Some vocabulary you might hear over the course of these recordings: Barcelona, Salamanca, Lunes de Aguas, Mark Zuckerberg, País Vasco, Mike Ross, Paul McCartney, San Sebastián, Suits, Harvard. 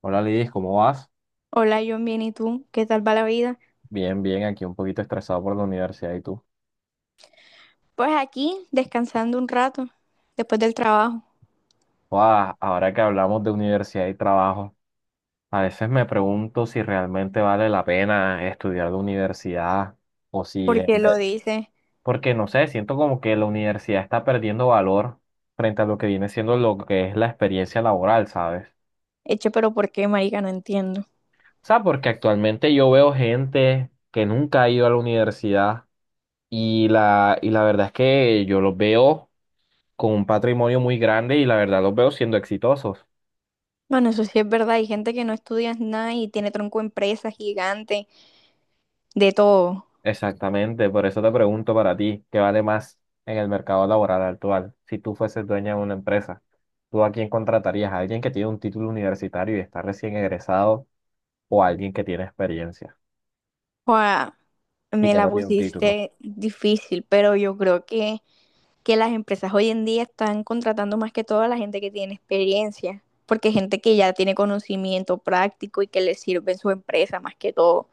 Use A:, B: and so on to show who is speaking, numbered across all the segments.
A: Hola Lidis, ¿cómo vas?
B: Hola, John, bien, ¿y tú? ¿Qué tal va la vida?
A: Bien, bien, aquí un poquito estresado por la universidad y tú.
B: Pues aquí, descansando un rato, después del trabajo,
A: Guau, ahora que hablamos de universidad y trabajo, a veces me pregunto si realmente vale la pena estudiar la universidad o si,
B: porque lo dice,
A: porque no sé, siento como que la universidad está perdiendo valor frente a lo que viene siendo lo que es la experiencia laboral, ¿sabes?
B: hecho, pero ¿por qué, marica? No entiendo.
A: O sea, porque actualmente yo veo gente que nunca ha ido a la universidad y la verdad es que yo los veo con un patrimonio muy grande y la verdad los veo siendo exitosos.
B: Bueno, eso sí es verdad, hay gente que no estudia nada y tiene tronco empresa gigante, de todo.
A: Exactamente, por eso te pregunto, para ti, ¿qué vale más en el mercado laboral actual? Si tú fueses dueña de una empresa, ¿tú a quién contratarías? ¿A alguien que tiene un título universitario y está recién egresado o a alguien que tiene experiencia
B: Joa,
A: y
B: me
A: que
B: la
A: no tiene un título?
B: pusiste difícil, pero yo creo que las empresas hoy en día están contratando más que todo a la gente que tiene experiencia, porque gente que ya tiene conocimiento práctico y que le sirve en su empresa más que todo.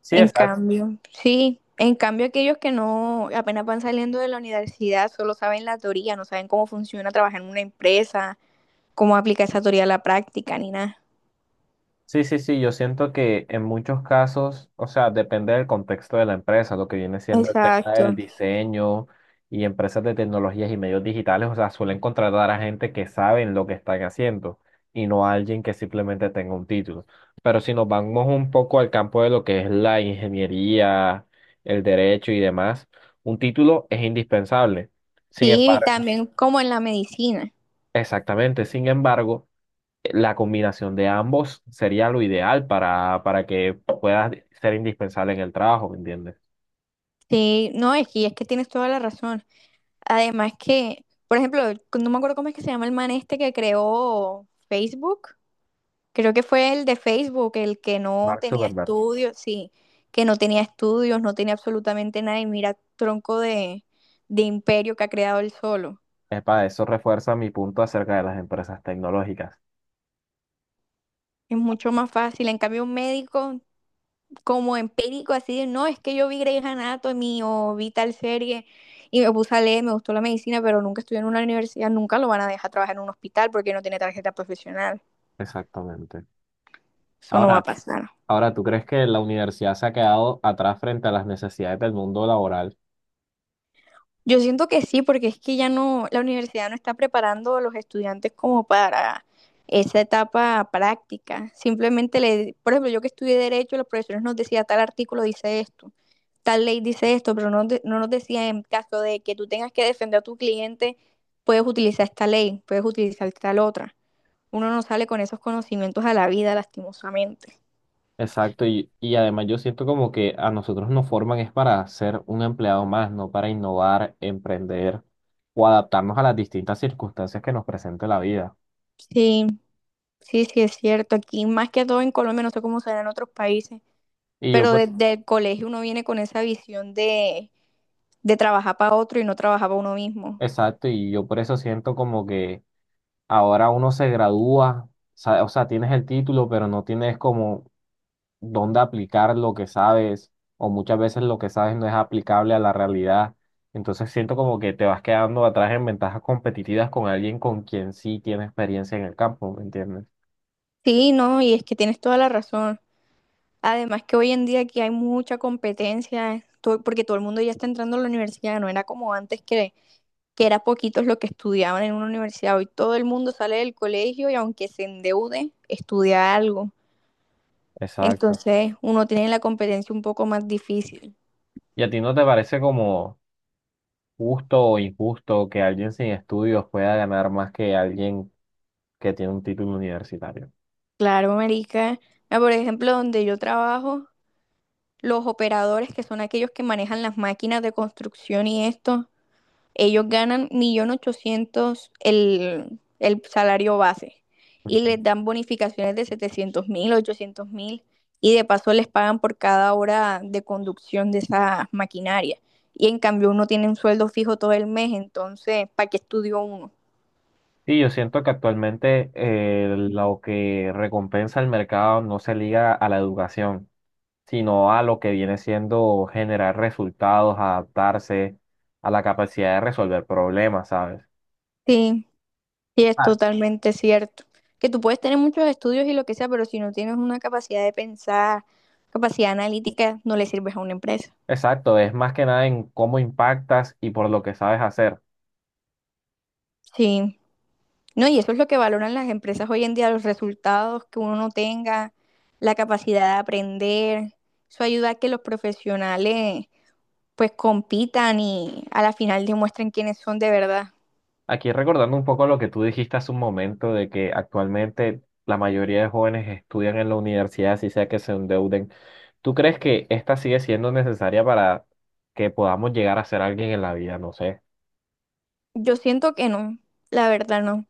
A: Sí,
B: En
A: exacto.
B: cambio, sí, en cambio aquellos que no, apenas van saliendo de la universidad, solo saben la teoría, no saben cómo funciona trabajar en una empresa, cómo aplicar esa teoría a la práctica, ni nada.
A: Sí, sí, sí, yo siento que en muchos casos, o sea, depende del contexto de la empresa. Lo que viene siendo el tema del
B: Exacto.
A: diseño y empresas de tecnologías y medios digitales, o sea, suelen contratar a gente que saben lo que están haciendo y no a alguien que simplemente tenga un título. Pero si nos vamos un poco al campo de lo que es la ingeniería, el derecho y demás, un título es indispensable. Sin
B: Sí,
A: embargo,
B: también como en la medicina.
A: exactamente, sin embargo, la combinación de ambos sería lo ideal para que puedas ser indispensable en el trabajo, ¿me entiendes?
B: Sí, no, es que tienes toda la razón. Además que, por ejemplo, no me acuerdo cómo es que se llama el man este que creó Facebook. Creo que fue el de Facebook, el que no
A: Mark
B: tenía
A: Zuckerberg.
B: estudios, sí, que no tenía estudios, no tenía absolutamente nada y mira tronco de imperio que ha creado él solo.
A: Para eso refuerza mi punto acerca de las empresas tecnológicas.
B: Es mucho más fácil. En cambio, un médico como empírico, así de, no, es que yo vi Grey's Anatomy o vi tal serie y me puse a leer, me gustó la medicina, pero nunca estudié en una universidad, nunca lo van a dejar trabajar en un hospital porque no tiene tarjeta profesional.
A: Exactamente.
B: Eso no va a
A: Ahora,
B: pasar.
A: ahora, ¿tú crees que la universidad se ha quedado atrás frente a las necesidades del mundo laboral?
B: Yo siento que sí, porque es que ya no, la universidad no está preparando a los estudiantes como para esa etapa práctica. Simplemente le, por ejemplo, yo que estudié derecho, los profesores nos decían tal artículo dice esto, tal ley dice esto, pero no, no nos decía en caso de que tú tengas que defender a tu cliente, puedes utilizar esta ley, puedes utilizar tal otra. Uno no sale con esos conocimientos a la vida, lastimosamente.
A: Exacto, y además yo siento como que a nosotros nos forman es para ser un empleado más, no para innovar, emprender o adaptarnos a las distintas circunstancias que nos presente la vida.
B: Sí, sí, sí es cierto. Aquí más que todo en Colombia, no sé cómo será en otros países.
A: Y yo,
B: Pero
A: por…
B: desde el colegio uno viene con esa visión de trabajar para otro y no trabajar para uno mismo.
A: Exacto, y yo por eso siento como que ahora uno se gradúa, o sea, tienes el título, pero no tienes como dónde aplicar lo que sabes, o muchas veces lo que sabes no es aplicable a la realidad. Entonces siento como que te vas quedando atrás en ventajas competitivas con alguien con quien sí tiene experiencia en el campo, ¿me entiendes?
B: Sí, no, y es que tienes toda la razón. Además que hoy en día aquí hay mucha competencia, porque todo el mundo ya está entrando a la universidad, no era como antes que era poquitos los que estudiaban en una universidad. Hoy todo el mundo sale del colegio y aunque se endeude, estudia algo.
A: Exacto.
B: Entonces uno tiene la competencia un poco más difícil.
A: ¿Y a ti no te parece como justo o injusto que alguien sin estudios pueda ganar más que alguien que tiene un título universitario?
B: Claro, marica. Ah, por ejemplo, donde yo trabajo, los operadores, que son aquellos que manejan las máquinas de construcción y esto, ellos ganan 1.800.000 el salario base y les dan bonificaciones de 700.000, 1.000 y de paso les pagan por cada hora de conducción de esa maquinaria. Y en cambio uno tiene un sueldo fijo todo el mes, entonces, ¿para qué estudió uno?
A: Sí, yo siento que actualmente lo que recompensa el mercado no se liga a la educación, sino a lo que viene siendo generar resultados, adaptarse a la capacidad de resolver problemas, ¿sabes?
B: Sí. Sí es
A: Ah,
B: totalmente cierto. Que tú puedes tener muchos estudios y lo que sea, pero si no tienes una capacidad de pensar, capacidad analítica, no le sirves a una empresa.
A: exacto, es más que nada en cómo impactas y por lo que sabes hacer.
B: Sí. No, y eso es lo que valoran las empresas hoy en día, los resultados que uno no tenga, la capacidad de aprender. Eso ayuda a que los profesionales pues compitan y a la final demuestren quiénes son de verdad.
A: Aquí recordando un poco lo que tú dijiste hace un momento, de que actualmente la mayoría de jóvenes estudian en la universidad, así sea que se endeuden, ¿tú crees que esta sigue siendo necesaria para que podamos llegar a ser alguien en la vida? No sé.
B: Yo siento que no, la verdad no.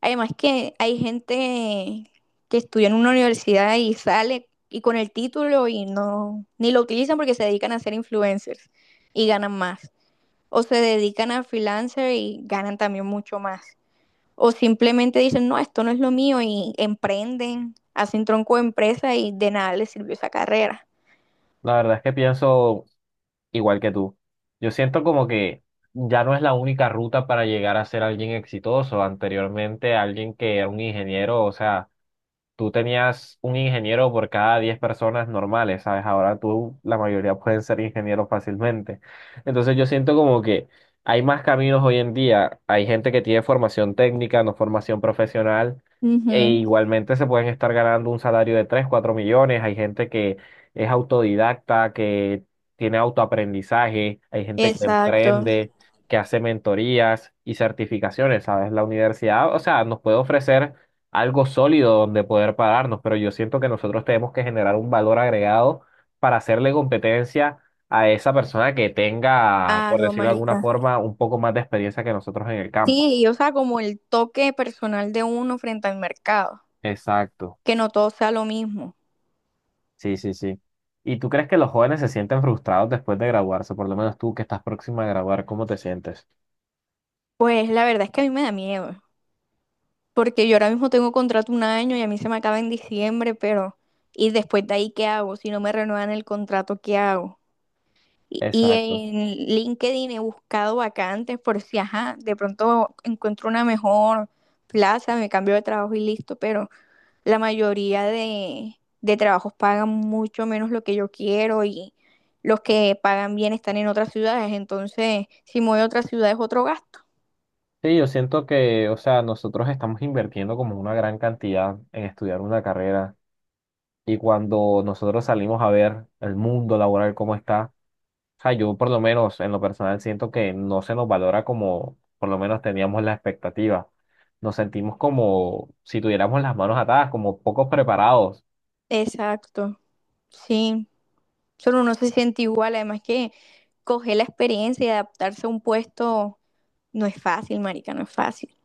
B: Además que hay gente que estudia en una universidad y sale y con el título y no, ni lo utilizan porque se dedican a ser influencers y ganan más. O se dedican a freelancer y ganan también mucho más. O simplemente dicen, no, esto no es lo mío y emprenden, hacen tronco de empresa y de nada les sirvió esa carrera.
A: La verdad es que pienso igual que tú. Yo siento como que ya no es la única ruta para llegar a ser alguien exitoso. Anteriormente, alguien que era un ingeniero, o sea, tú tenías un ingeniero por cada 10 personas normales, ¿sabes? Ahora tú, la mayoría pueden ser ingenieros fácilmente. Entonces yo siento como que hay más caminos hoy en día. Hay gente que tiene formación técnica, no formación profesional, e
B: Ujú.
A: igualmente se pueden estar ganando un salario de 3 o 4 millones. Hay gente que es autodidacta, que tiene autoaprendizaje, hay gente que
B: Exacto.
A: emprende, que hace mentorías y certificaciones, ¿sabes? La universidad, o sea, nos puede ofrecer algo sólido donde poder pararnos, pero yo siento que nosotros tenemos que generar un valor agregado para hacerle competencia a esa persona que tenga, por
B: Claro,
A: decirlo de alguna
B: marica.
A: forma, un poco más de experiencia que nosotros en el campo.
B: Sí, y o sea, como el toque personal de uno frente al mercado,
A: Exacto.
B: que no todo sea lo mismo.
A: Sí, sí, sí. ¿Y tú crees que los jóvenes se sienten frustrados después de graduarse? Por lo menos tú que estás próxima a graduar, ¿cómo te sientes?
B: Pues la verdad es que a mí me da miedo, porque yo ahora mismo tengo contrato 1 año y a mí se me acaba en diciembre, pero ¿y después de ahí qué hago? Si no me renuevan el contrato, ¿qué hago? Y
A: Exacto.
B: en LinkedIn he buscado vacantes por si, ajá, de pronto encuentro una mejor plaza, me cambio de trabajo y listo, pero la mayoría de trabajos pagan mucho menos lo que yo quiero y los que pagan bien están en otras ciudades, entonces si me voy a otras ciudades es otro gasto.
A: Sí, yo siento que, o sea, nosotros estamos invirtiendo como una gran cantidad en estudiar una carrera y cuando nosotros salimos a ver el mundo laboral cómo está… O sea, yo por lo menos, en lo personal, siento que no se nos valora como por lo menos teníamos la expectativa. Nos sentimos como si tuviéramos las manos atadas, como pocos preparados.
B: Exacto, sí. Solo uno se siente igual, además que coger la experiencia y adaptarse a un puesto no es fácil, marica, no es fácil.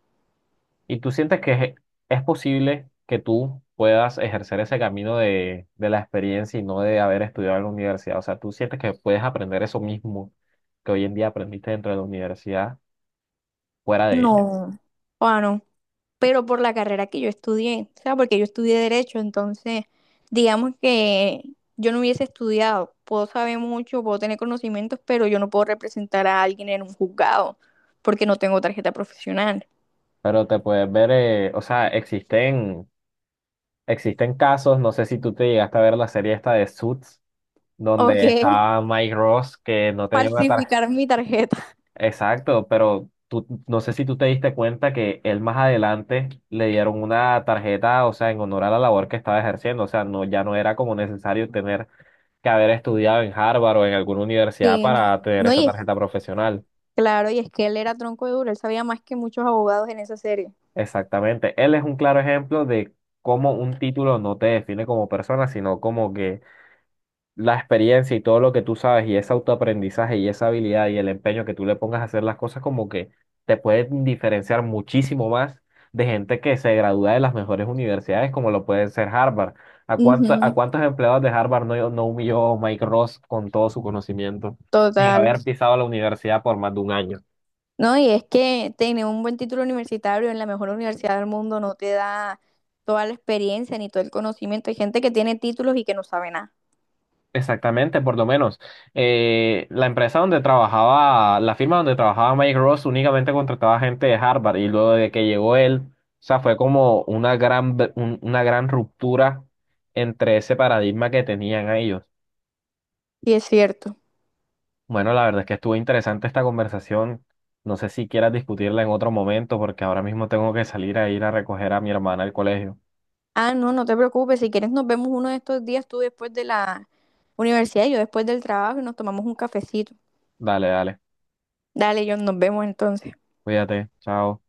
A: Y tú sientes que es posible que tú puedas ejercer ese camino de la experiencia y no de haber estudiado en la universidad. O sea, tú sientes que puedes aprender eso mismo que hoy en día aprendiste dentro de la universidad, fuera de ella.
B: No. O no, pero por la carrera que yo estudié, o sea, porque yo estudié Derecho, entonces, digamos que yo no hubiese estudiado, puedo saber mucho, puedo tener conocimientos, pero yo no puedo representar a alguien en un juzgado, porque no tengo tarjeta profesional.
A: Pero te puedes ver, o sea, existen casos, no sé si tú te llegaste a ver la serie esta de Suits
B: O
A: donde
B: que
A: estaba Mike Ross, que no tenía una tarjeta.
B: falsificar mi tarjeta.
A: Exacto, pero tú, no sé si tú te diste cuenta que él más adelante le dieron una tarjeta, o sea, en honor a la labor que estaba ejerciendo. O sea, no, ya no era como necesario tener que haber estudiado en Harvard o en alguna universidad
B: Sí.
A: para tener
B: No,
A: esa
B: y es...
A: tarjeta profesional.
B: Claro, y es que él era tronco de duro, él sabía más que muchos abogados en esa serie.
A: Exactamente. Él es un claro ejemplo de cómo un título no te define como persona, sino como que la experiencia y todo lo que tú sabes y ese autoaprendizaje y esa habilidad y el empeño que tú le pongas a hacer las cosas como que te pueden diferenciar muchísimo más de gente que se gradúa de las mejores universidades como lo pueden ser Harvard. ¿A a
B: Ujú.
A: cuántos empleados de Harvard no, no humilló Mike Ross con todo su conocimiento sin
B: Total.
A: haber pisado la universidad por más de un año?
B: No, y es que tener un buen título universitario en la mejor universidad del mundo no te da toda la experiencia ni todo el conocimiento. Hay gente que tiene títulos y que no sabe nada.
A: Exactamente, por lo menos. La empresa donde trabajaba, la firma donde trabajaba Mike Ross únicamente contrataba gente de Harvard y luego de que llegó él, o sea, fue como una gran, una gran ruptura entre ese paradigma que tenían a ellos.
B: Sí es cierto.
A: Bueno, la verdad es que estuvo interesante esta conversación. No sé si quieras discutirla en otro momento porque ahora mismo tengo que salir a ir a recoger a mi hermana al colegio.
B: Ah, no, no te preocupes. Si quieres, nos vemos uno de estos días, tú después de la universidad y yo después del trabajo y nos tomamos un cafecito.
A: Dale, dale.
B: Dale, John, nos vemos entonces.
A: Cuídate. Chao.